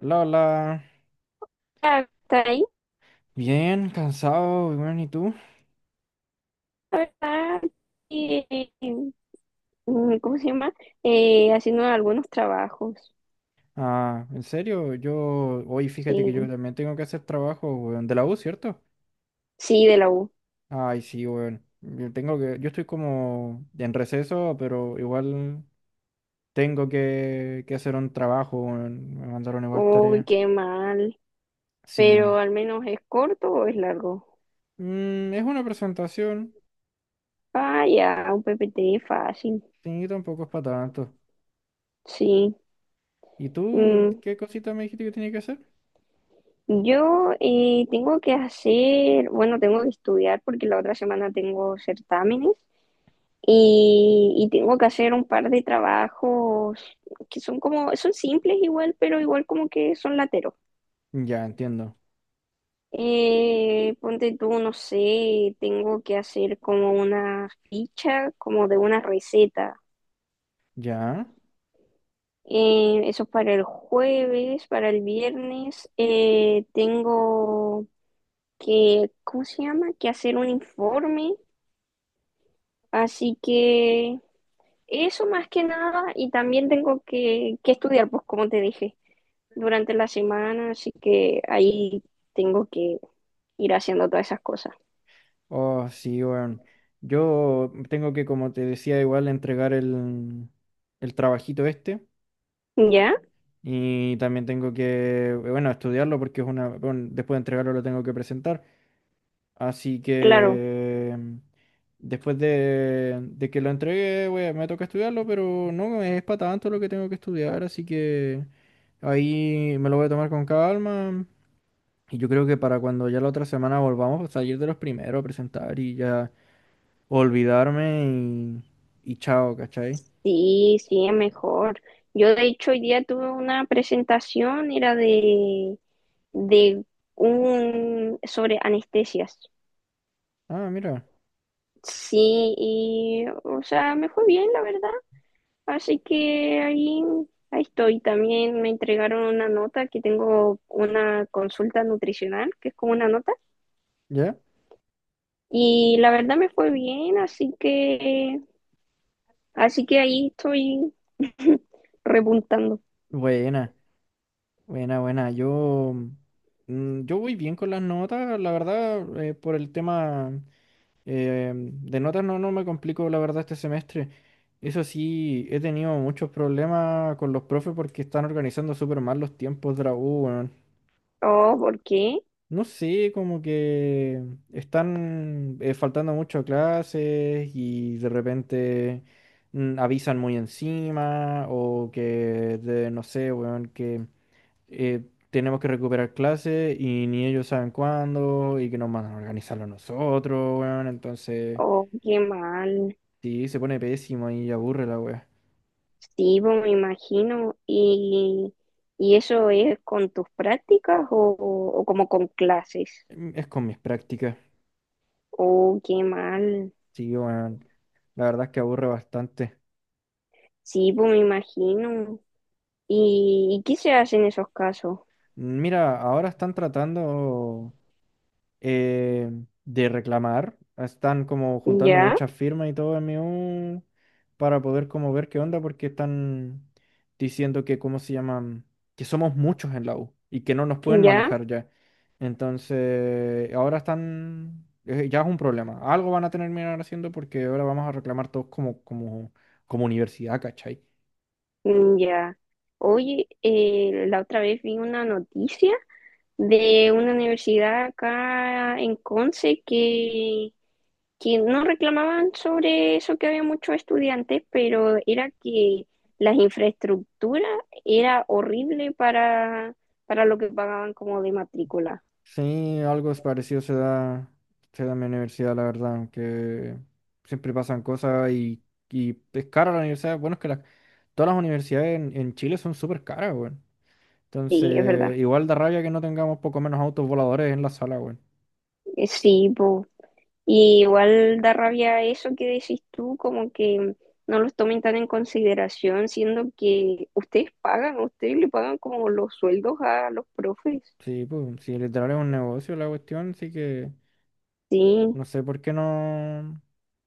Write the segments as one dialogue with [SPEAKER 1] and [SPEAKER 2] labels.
[SPEAKER 1] Hola, hola.
[SPEAKER 2] Está ahí,
[SPEAKER 1] Bien, cansado, weón, ¿y tú?
[SPEAKER 2] la verdad, y, ¿cómo se llama? Haciendo algunos trabajos,
[SPEAKER 1] Ah, en serio, yo hoy fíjate que yo
[SPEAKER 2] sí,
[SPEAKER 1] también tengo que hacer trabajo, weón, de la U, ¿cierto?
[SPEAKER 2] sí, de la U.
[SPEAKER 1] Ay, sí, weón. Yo tengo que, yo estoy como en receso, pero igual tengo que hacer un trabajo, weón. Me mandaron igual
[SPEAKER 2] Uy,
[SPEAKER 1] tarea.
[SPEAKER 2] qué mal,
[SPEAKER 1] Sí.
[SPEAKER 2] pero al menos es corto o es largo.
[SPEAKER 1] Es una presentación,
[SPEAKER 2] Ah, ya, un PPT fácil,
[SPEAKER 1] sí, tampoco es para tanto.
[SPEAKER 2] sí.
[SPEAKER 1] ¿Y tú
[SPEAKER 2] Mm,
[SPEAKER 1] qué cosita me dijiste que tenía que hacer?
[SPEAKER 2] yo tengo que hacer, bueno, tengo que estudiar porque la otra semana tengo certámenes. Y tengo que hacer un par de trabajos que son como, son simples igual, pero igual como que son lateros.
[SPEAKER 1] Ya, entiendo.
[SPEAKER 2] Ponte tú, no sé, tengo que hacer como una ficha, como de una receta.
[SPEAKER 1] ¿Ya?
[SPEAKER 2] Eso es para el jueves, para el viernes. Tengo que, ¿cómo se llama? Que hacer un informe. Así que eso más que nada, y también tengo que estudiar, pues como te dije, durante la semana, así que ahí tengo que ir haciendo todas esas cosas.
[SPEAKER 1] Oh, sí, weón. Yo tengo que, como te decía, igual entregar el trabajito este.
[SPEAKER 2] ¿Ya?
[SPEAKER 1] Y también tengo que, bueno, estudiarlo porque es una, bueno, después de entregarlo lo tengo que presentar. Así
[SPEAKER 2] Claro,
[SPEAKER 1] que después de que lo entregué, me toca estudiarlo, pero no es para tanto lo que tengo que estudiar. Así que ahí me lo voy a tomar con calma. Y yo creo que para cuando ya la otra semana volvamos a salir de los primeros a presentar y ya, olvidarme y chao, ¿cachai?
[SPEAKER 2] sí, sí, es mejor. Yo de hecho hoy día tuve una presentación, era de sobre anestesias.
[SPEAKER 1] Ah, mira,
[SPEAKER 2] Sí, y, o sea, me fue bien, la verdad. Así que ahí estoy. También me entregaron una nota que tengo una consulta nutricional, que es como una nota.
[SPEAKER 1] ¿ya?
[SPEAKER 2] Y la verdad me fue bien, así que ahí estoy repuntando.
[SPEAKER 1] Buena, buena, buena. Yo, yo voy bien con las notas, la verdad, por el tema de notas no, no me complico, la verdad, este semestre. Eso sí, he tenido muchos problemas con los profes porque están organizando súper mal los tiempos de la U, weón.
[SPEAKER 2] Oh, ¿por qué?
[SPEAKER 1] No sé, como que están faltando mucho a clases y de repente avisan muy encima o que, no sé, weón, que eh, tenemos que recuperar clases y ni ellos saben cuándo y que nos mandan a organizarlo nosotros, weón. Entonces,
[SPEAKER 2] Oh, qué mal.
[SPEAKER 1] sí, se pone pésimo y aburre la weá.
[SPEAKER 2] Sí, pues, me imagino. ¿Y eso es con tus prácticas o como con clases?
[SPEAKER 1] Es con mis prácticas,
[SPEAKER 2] Oh, qué mal.
[SPEAKER 1] sí, weón. La verdad es que aburre bastante.
[SPEAKER 2] Sí, pues me imagino. ¿Y qué se hace en esos casos?
[SPEAKER 1] Mira, ahora están tratando... eh, de reclamar. Están como juntando
[SPEAKER 2] Ya,
[SPEAKER 1] muchas firmas y todo MU para poder como ver qué onda porque están diciendo que, ¿cómo se llaman? Que somos muchos en la U y que no nos pueden
[SPEAKER 2] ya,
[SPEAKER 1] manejar ya. Entonces, ahora están, ya es un problema. Algo van a tener que mirar haciendo porque ahora vamos a reclamar todos como, como, como universidad, ¿cachai?
[SPEAKER 2] ya. Oye, la otra vez vi una noticia de una universidad acá en Conce que no reclamaban sobre eso que había muchos estudiantes, pero era que las infraestructuras era horrible para lo que pagaban como de matrícula.
[SPEAKER 1] Sí, algo es parecido se da en mi universidad, la verdad, aunque siempre pasan cosas y es cara la universidad. Bueno, es que todas las universidades en Chile son súper caras, weón.
[SPEAKER 2] Sí, es verdad.
[SPEAKER 1] Entonces, igual da rabia que no tengamos poco menos autos voladores en la sala, weón.
[SPEAKER 2] Sí, pues, y igual da rabia eso que decís tú, como que no los tomen tan en consideración, siendo que ustedes pagan, ustedes le pagan como los sueldos a los profes.
[SPEAKER 1] Sí, pues, si literal es un negocio la cuestión, sí que
[SPEAKER 2] Sí,
[SPEAKER 1] no sé por qué no,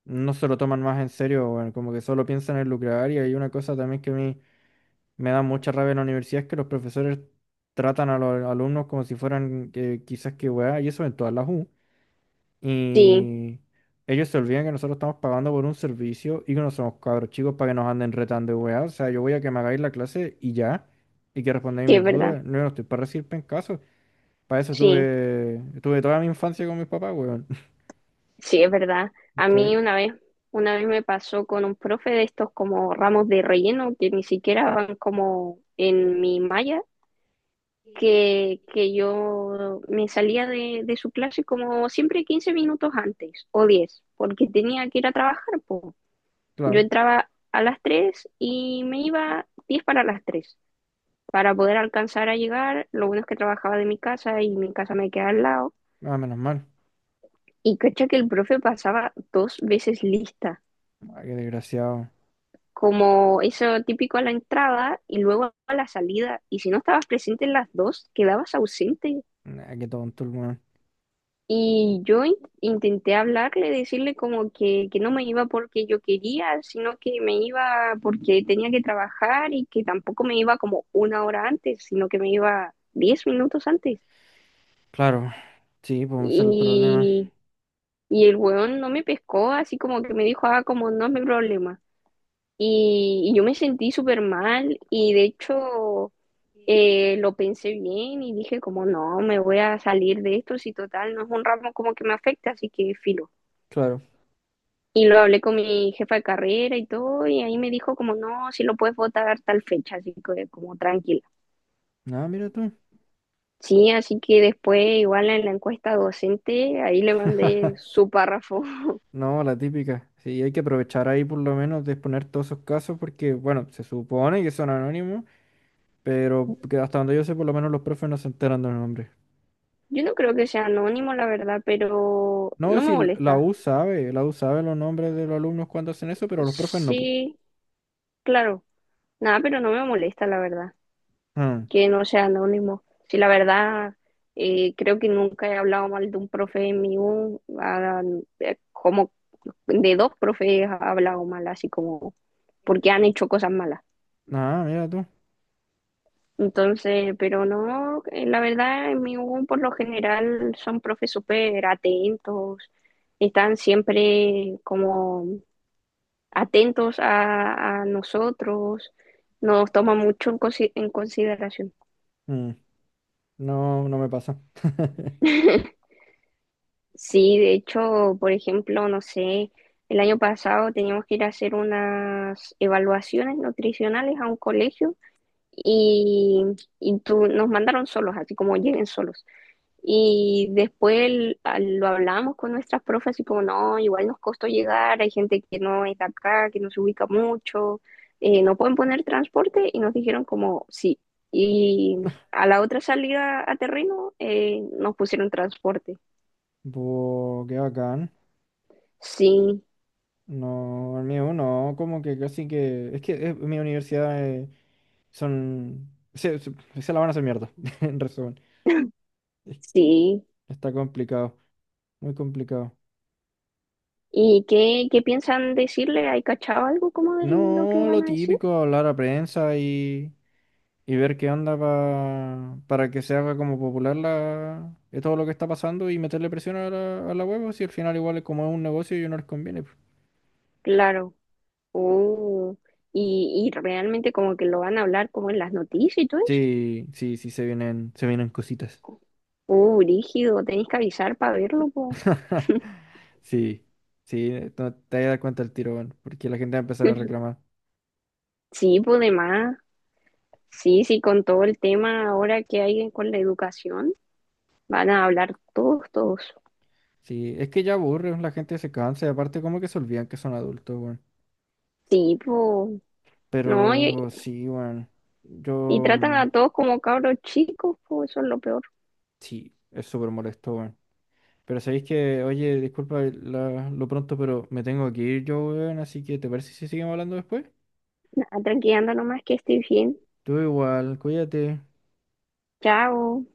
[SPEAKER 1] no se lo toman más en serio, weón. Como que solo piensan en lucrar y hay una cosa también que a mí me da mucha rabia en la universidad es que los profesores tratan a los alumnos como si fueran quizás que weá, y eso en todas las U.
[SPEAKER 2] sí,
[SPEAKER 1] Y ellos se olvidan que nosotros estamos pagando por un servicio y que no somos cabros chicos para que nos anden retando de weá. O sea, yo voy a que me hagáis la clase y ya, y que respondáis
[SPEAKER 2] sí es
[SPEAKER 1] mis
[SPEAKER 2] verdad,
[SPEAKER 1] dudas. No, yo no estoy para recibir pencaso. Para eso
[SPEAKER 2] sí,
[SPEAKER 1] estuve toda mi infancia con mis papás, weón.
[SPEAKER 2] sí es verdad. A mí
[SPEAKER 1] ¿Cachai?
[SPEAKER 2] una vez me pasó con un profe de estos como ramos de relleno que ni siquiera van como en mi malla que yo me salía de su clase como siempre 15 minutos antes o 10 porque tenía que ir a trabajar. Po. Yo
[SPEAKER 1] Claro,
[SPEAKER 2] entraba a las 3 y me iba 10 para las 3 para poder alcanzar a llegar. Lo bueno es que trabajaba de mi casa y mi casa me queda al lado.
[SPEAKER 1] ah, menos mal.
[SPEAKER 2] Y cacha que el profe pasaba dos veces lista,
[SPEAKER 1] Ah, qué desgraciado.
[SPEAKER 2] como eso típico a la entrada y luego a la salida. Y si no estabas presente en las dos, quedabas ausente.
[SPEAKER 1] Ah, qué tonto el weón.
[SPEAKER 2] Y yo intenté hablarle, decirle como que no me iba porque yo quería, sino que me iba porque tenía que trabajar y que tampoco me iba como una hora antes, sino que me iba 10 minutos antes.
[SPEAKER 1] Claro, sí, pues ese es el problema.
[SPEAKER 2] Y, y el weón no me pescó, así como que me dijo, ah, como no es mi problema. Y yo me sentí súper mal y de hecho lo pensé bien y dije como no, me voy a salir de esto, si total no es un ramo como que me afecta, así que filo.
[SPEAKER 1] Claro.
[SPEAKER 2] Y lo hablé con mi jefa de carrera y todo, y ahí me dijo como, no, si lo puedes votar tal fecha, así que como tranquila.
[SPEAKER 1] Nada, mira tú.
[SPEAKER 2] Sí, así que después igual en la encuesta docente, ahí le mandé su párrafo.
[SPEAKER 1] No, la típica. Sí, hay que aprovechar ahí por lo menos de exponer todos esos casos porque, bueno, se supone que son anónimos, pero que hasta donde yo sé, por lo menos los profes no se enteran de los nombres.
[SPEAKER 2] Yo no creo que sea anónimo, la verdad, pero
[SPEAKER 1] No,
[SPEAKER 2] no me
[SPEAKER 1] si la
[SPEAKER 2] molesta.
[SPEAKER 1] U sabe, la U sabe los nombres de los alumnos cuando hacen eso, pero los profes no, pu.
[SPEAKER 2] Sí, claro, nada, pero no me molesta, la verdad,
[SPEAKER 1] Mm.
[SPEAKER 2] que no sea anónimo. Sí, la verdad, creo que nunca he hablado mal de un profe mío, ah, como de dos profes he hablado mal, así como porque han hecho cosas malas.
[SPEAKER 1] Ah, mira tú.
[SPEAKER 2] Entonces, pero no, la verdad, en mi U por lo general son profes súper atentos, están siempre como atentos a nosotros, nos toman mucho en consideración.
[SPEAKER 1] Mm. No, no me pasa.
[SPEAKER 2] Sí, de hecho, por ejemplo, no sé, el año pasado teníamos que ir a hacer unas evaluaciones nutricionales a un colegio y, y tú, nos mandaron solos, así como lleguen solos. Y después lo hablamos con nuestras profes, y como, no, igual nos costó llegar, hay gente que no es de acá, que no se ubica mucho, no pueden poner transporte y nos dijeron como, sí. Y a la otra salida a terreno nos pusieron transporte.
[SPEAKER 1] Bo, qué bacán.
[SPEAKER 2] Sí,
[SPEAKER 1] No, el mío no, como que casi que. Es que mi universidad son. Se la van a hacer mierda, en resumen.
[SPEAKER 2] sí.
[SPEAKER 1] Está complicado, muy complicado.
[SPEAKER 2] ¿Y qué piensan decirle? ¿Hay cachado algo como de lo que
[SPEAKER 1] No, lo
[SPEAKER 2] van a decir?
[SPEAKER 1] típico, hablar a prensa y ver qué onda para que se haga como popular la, todo lo que está pasando y meterle presión a la web, si al final igual es como es un negocio y no les conviene, pues.
[SPEAKER 2] Claro. Oh. Y realmente como que lo van a hablar como en las noticias y todo eso.
[SPEAKER 1] Sí, sí, sí, se vienen cositas.
[SPEAKER 2] Brígido, tenéis que avisar para verlo, po.
[SPEAKER 1] Sí, sí, no te vas a dar cuenta el tiro, bueno, porque la gente va a empezar a reclamar.
[SPEAKER 2] Sí, pues de más. Sí, sí, con todo el tema ahora que hay con la educación, van a hablar todos, todos.
[SPEAKER 1] Sí, es que ya aburre, la gente se cansa y aparte como que se olvidan que son adultos, bueno.
[SPEAKER 2] Sí, pues, no, y,
[SPEAKER 1] Pero oh, sí, weón.
[SPEAKER 2] y
[SPEAKER 1] Yo
[SPEAKER 2] tratan a todos como cabros chicos, pues eso es lo peor.
[SPEAKER 1] sí, es súper molesto, weón. Pero sabéis que, oye, disculpa lo pronto, pero me tengo que ir yo, weón. Así que, ¿te parece si seguimos hablando después?
[SPEAKER 2] Nada, tranqui, anda nomás que estoy bien.
[SPEAKER 1] Tú igual, cuídate.
[SPEAKER 2] Chao.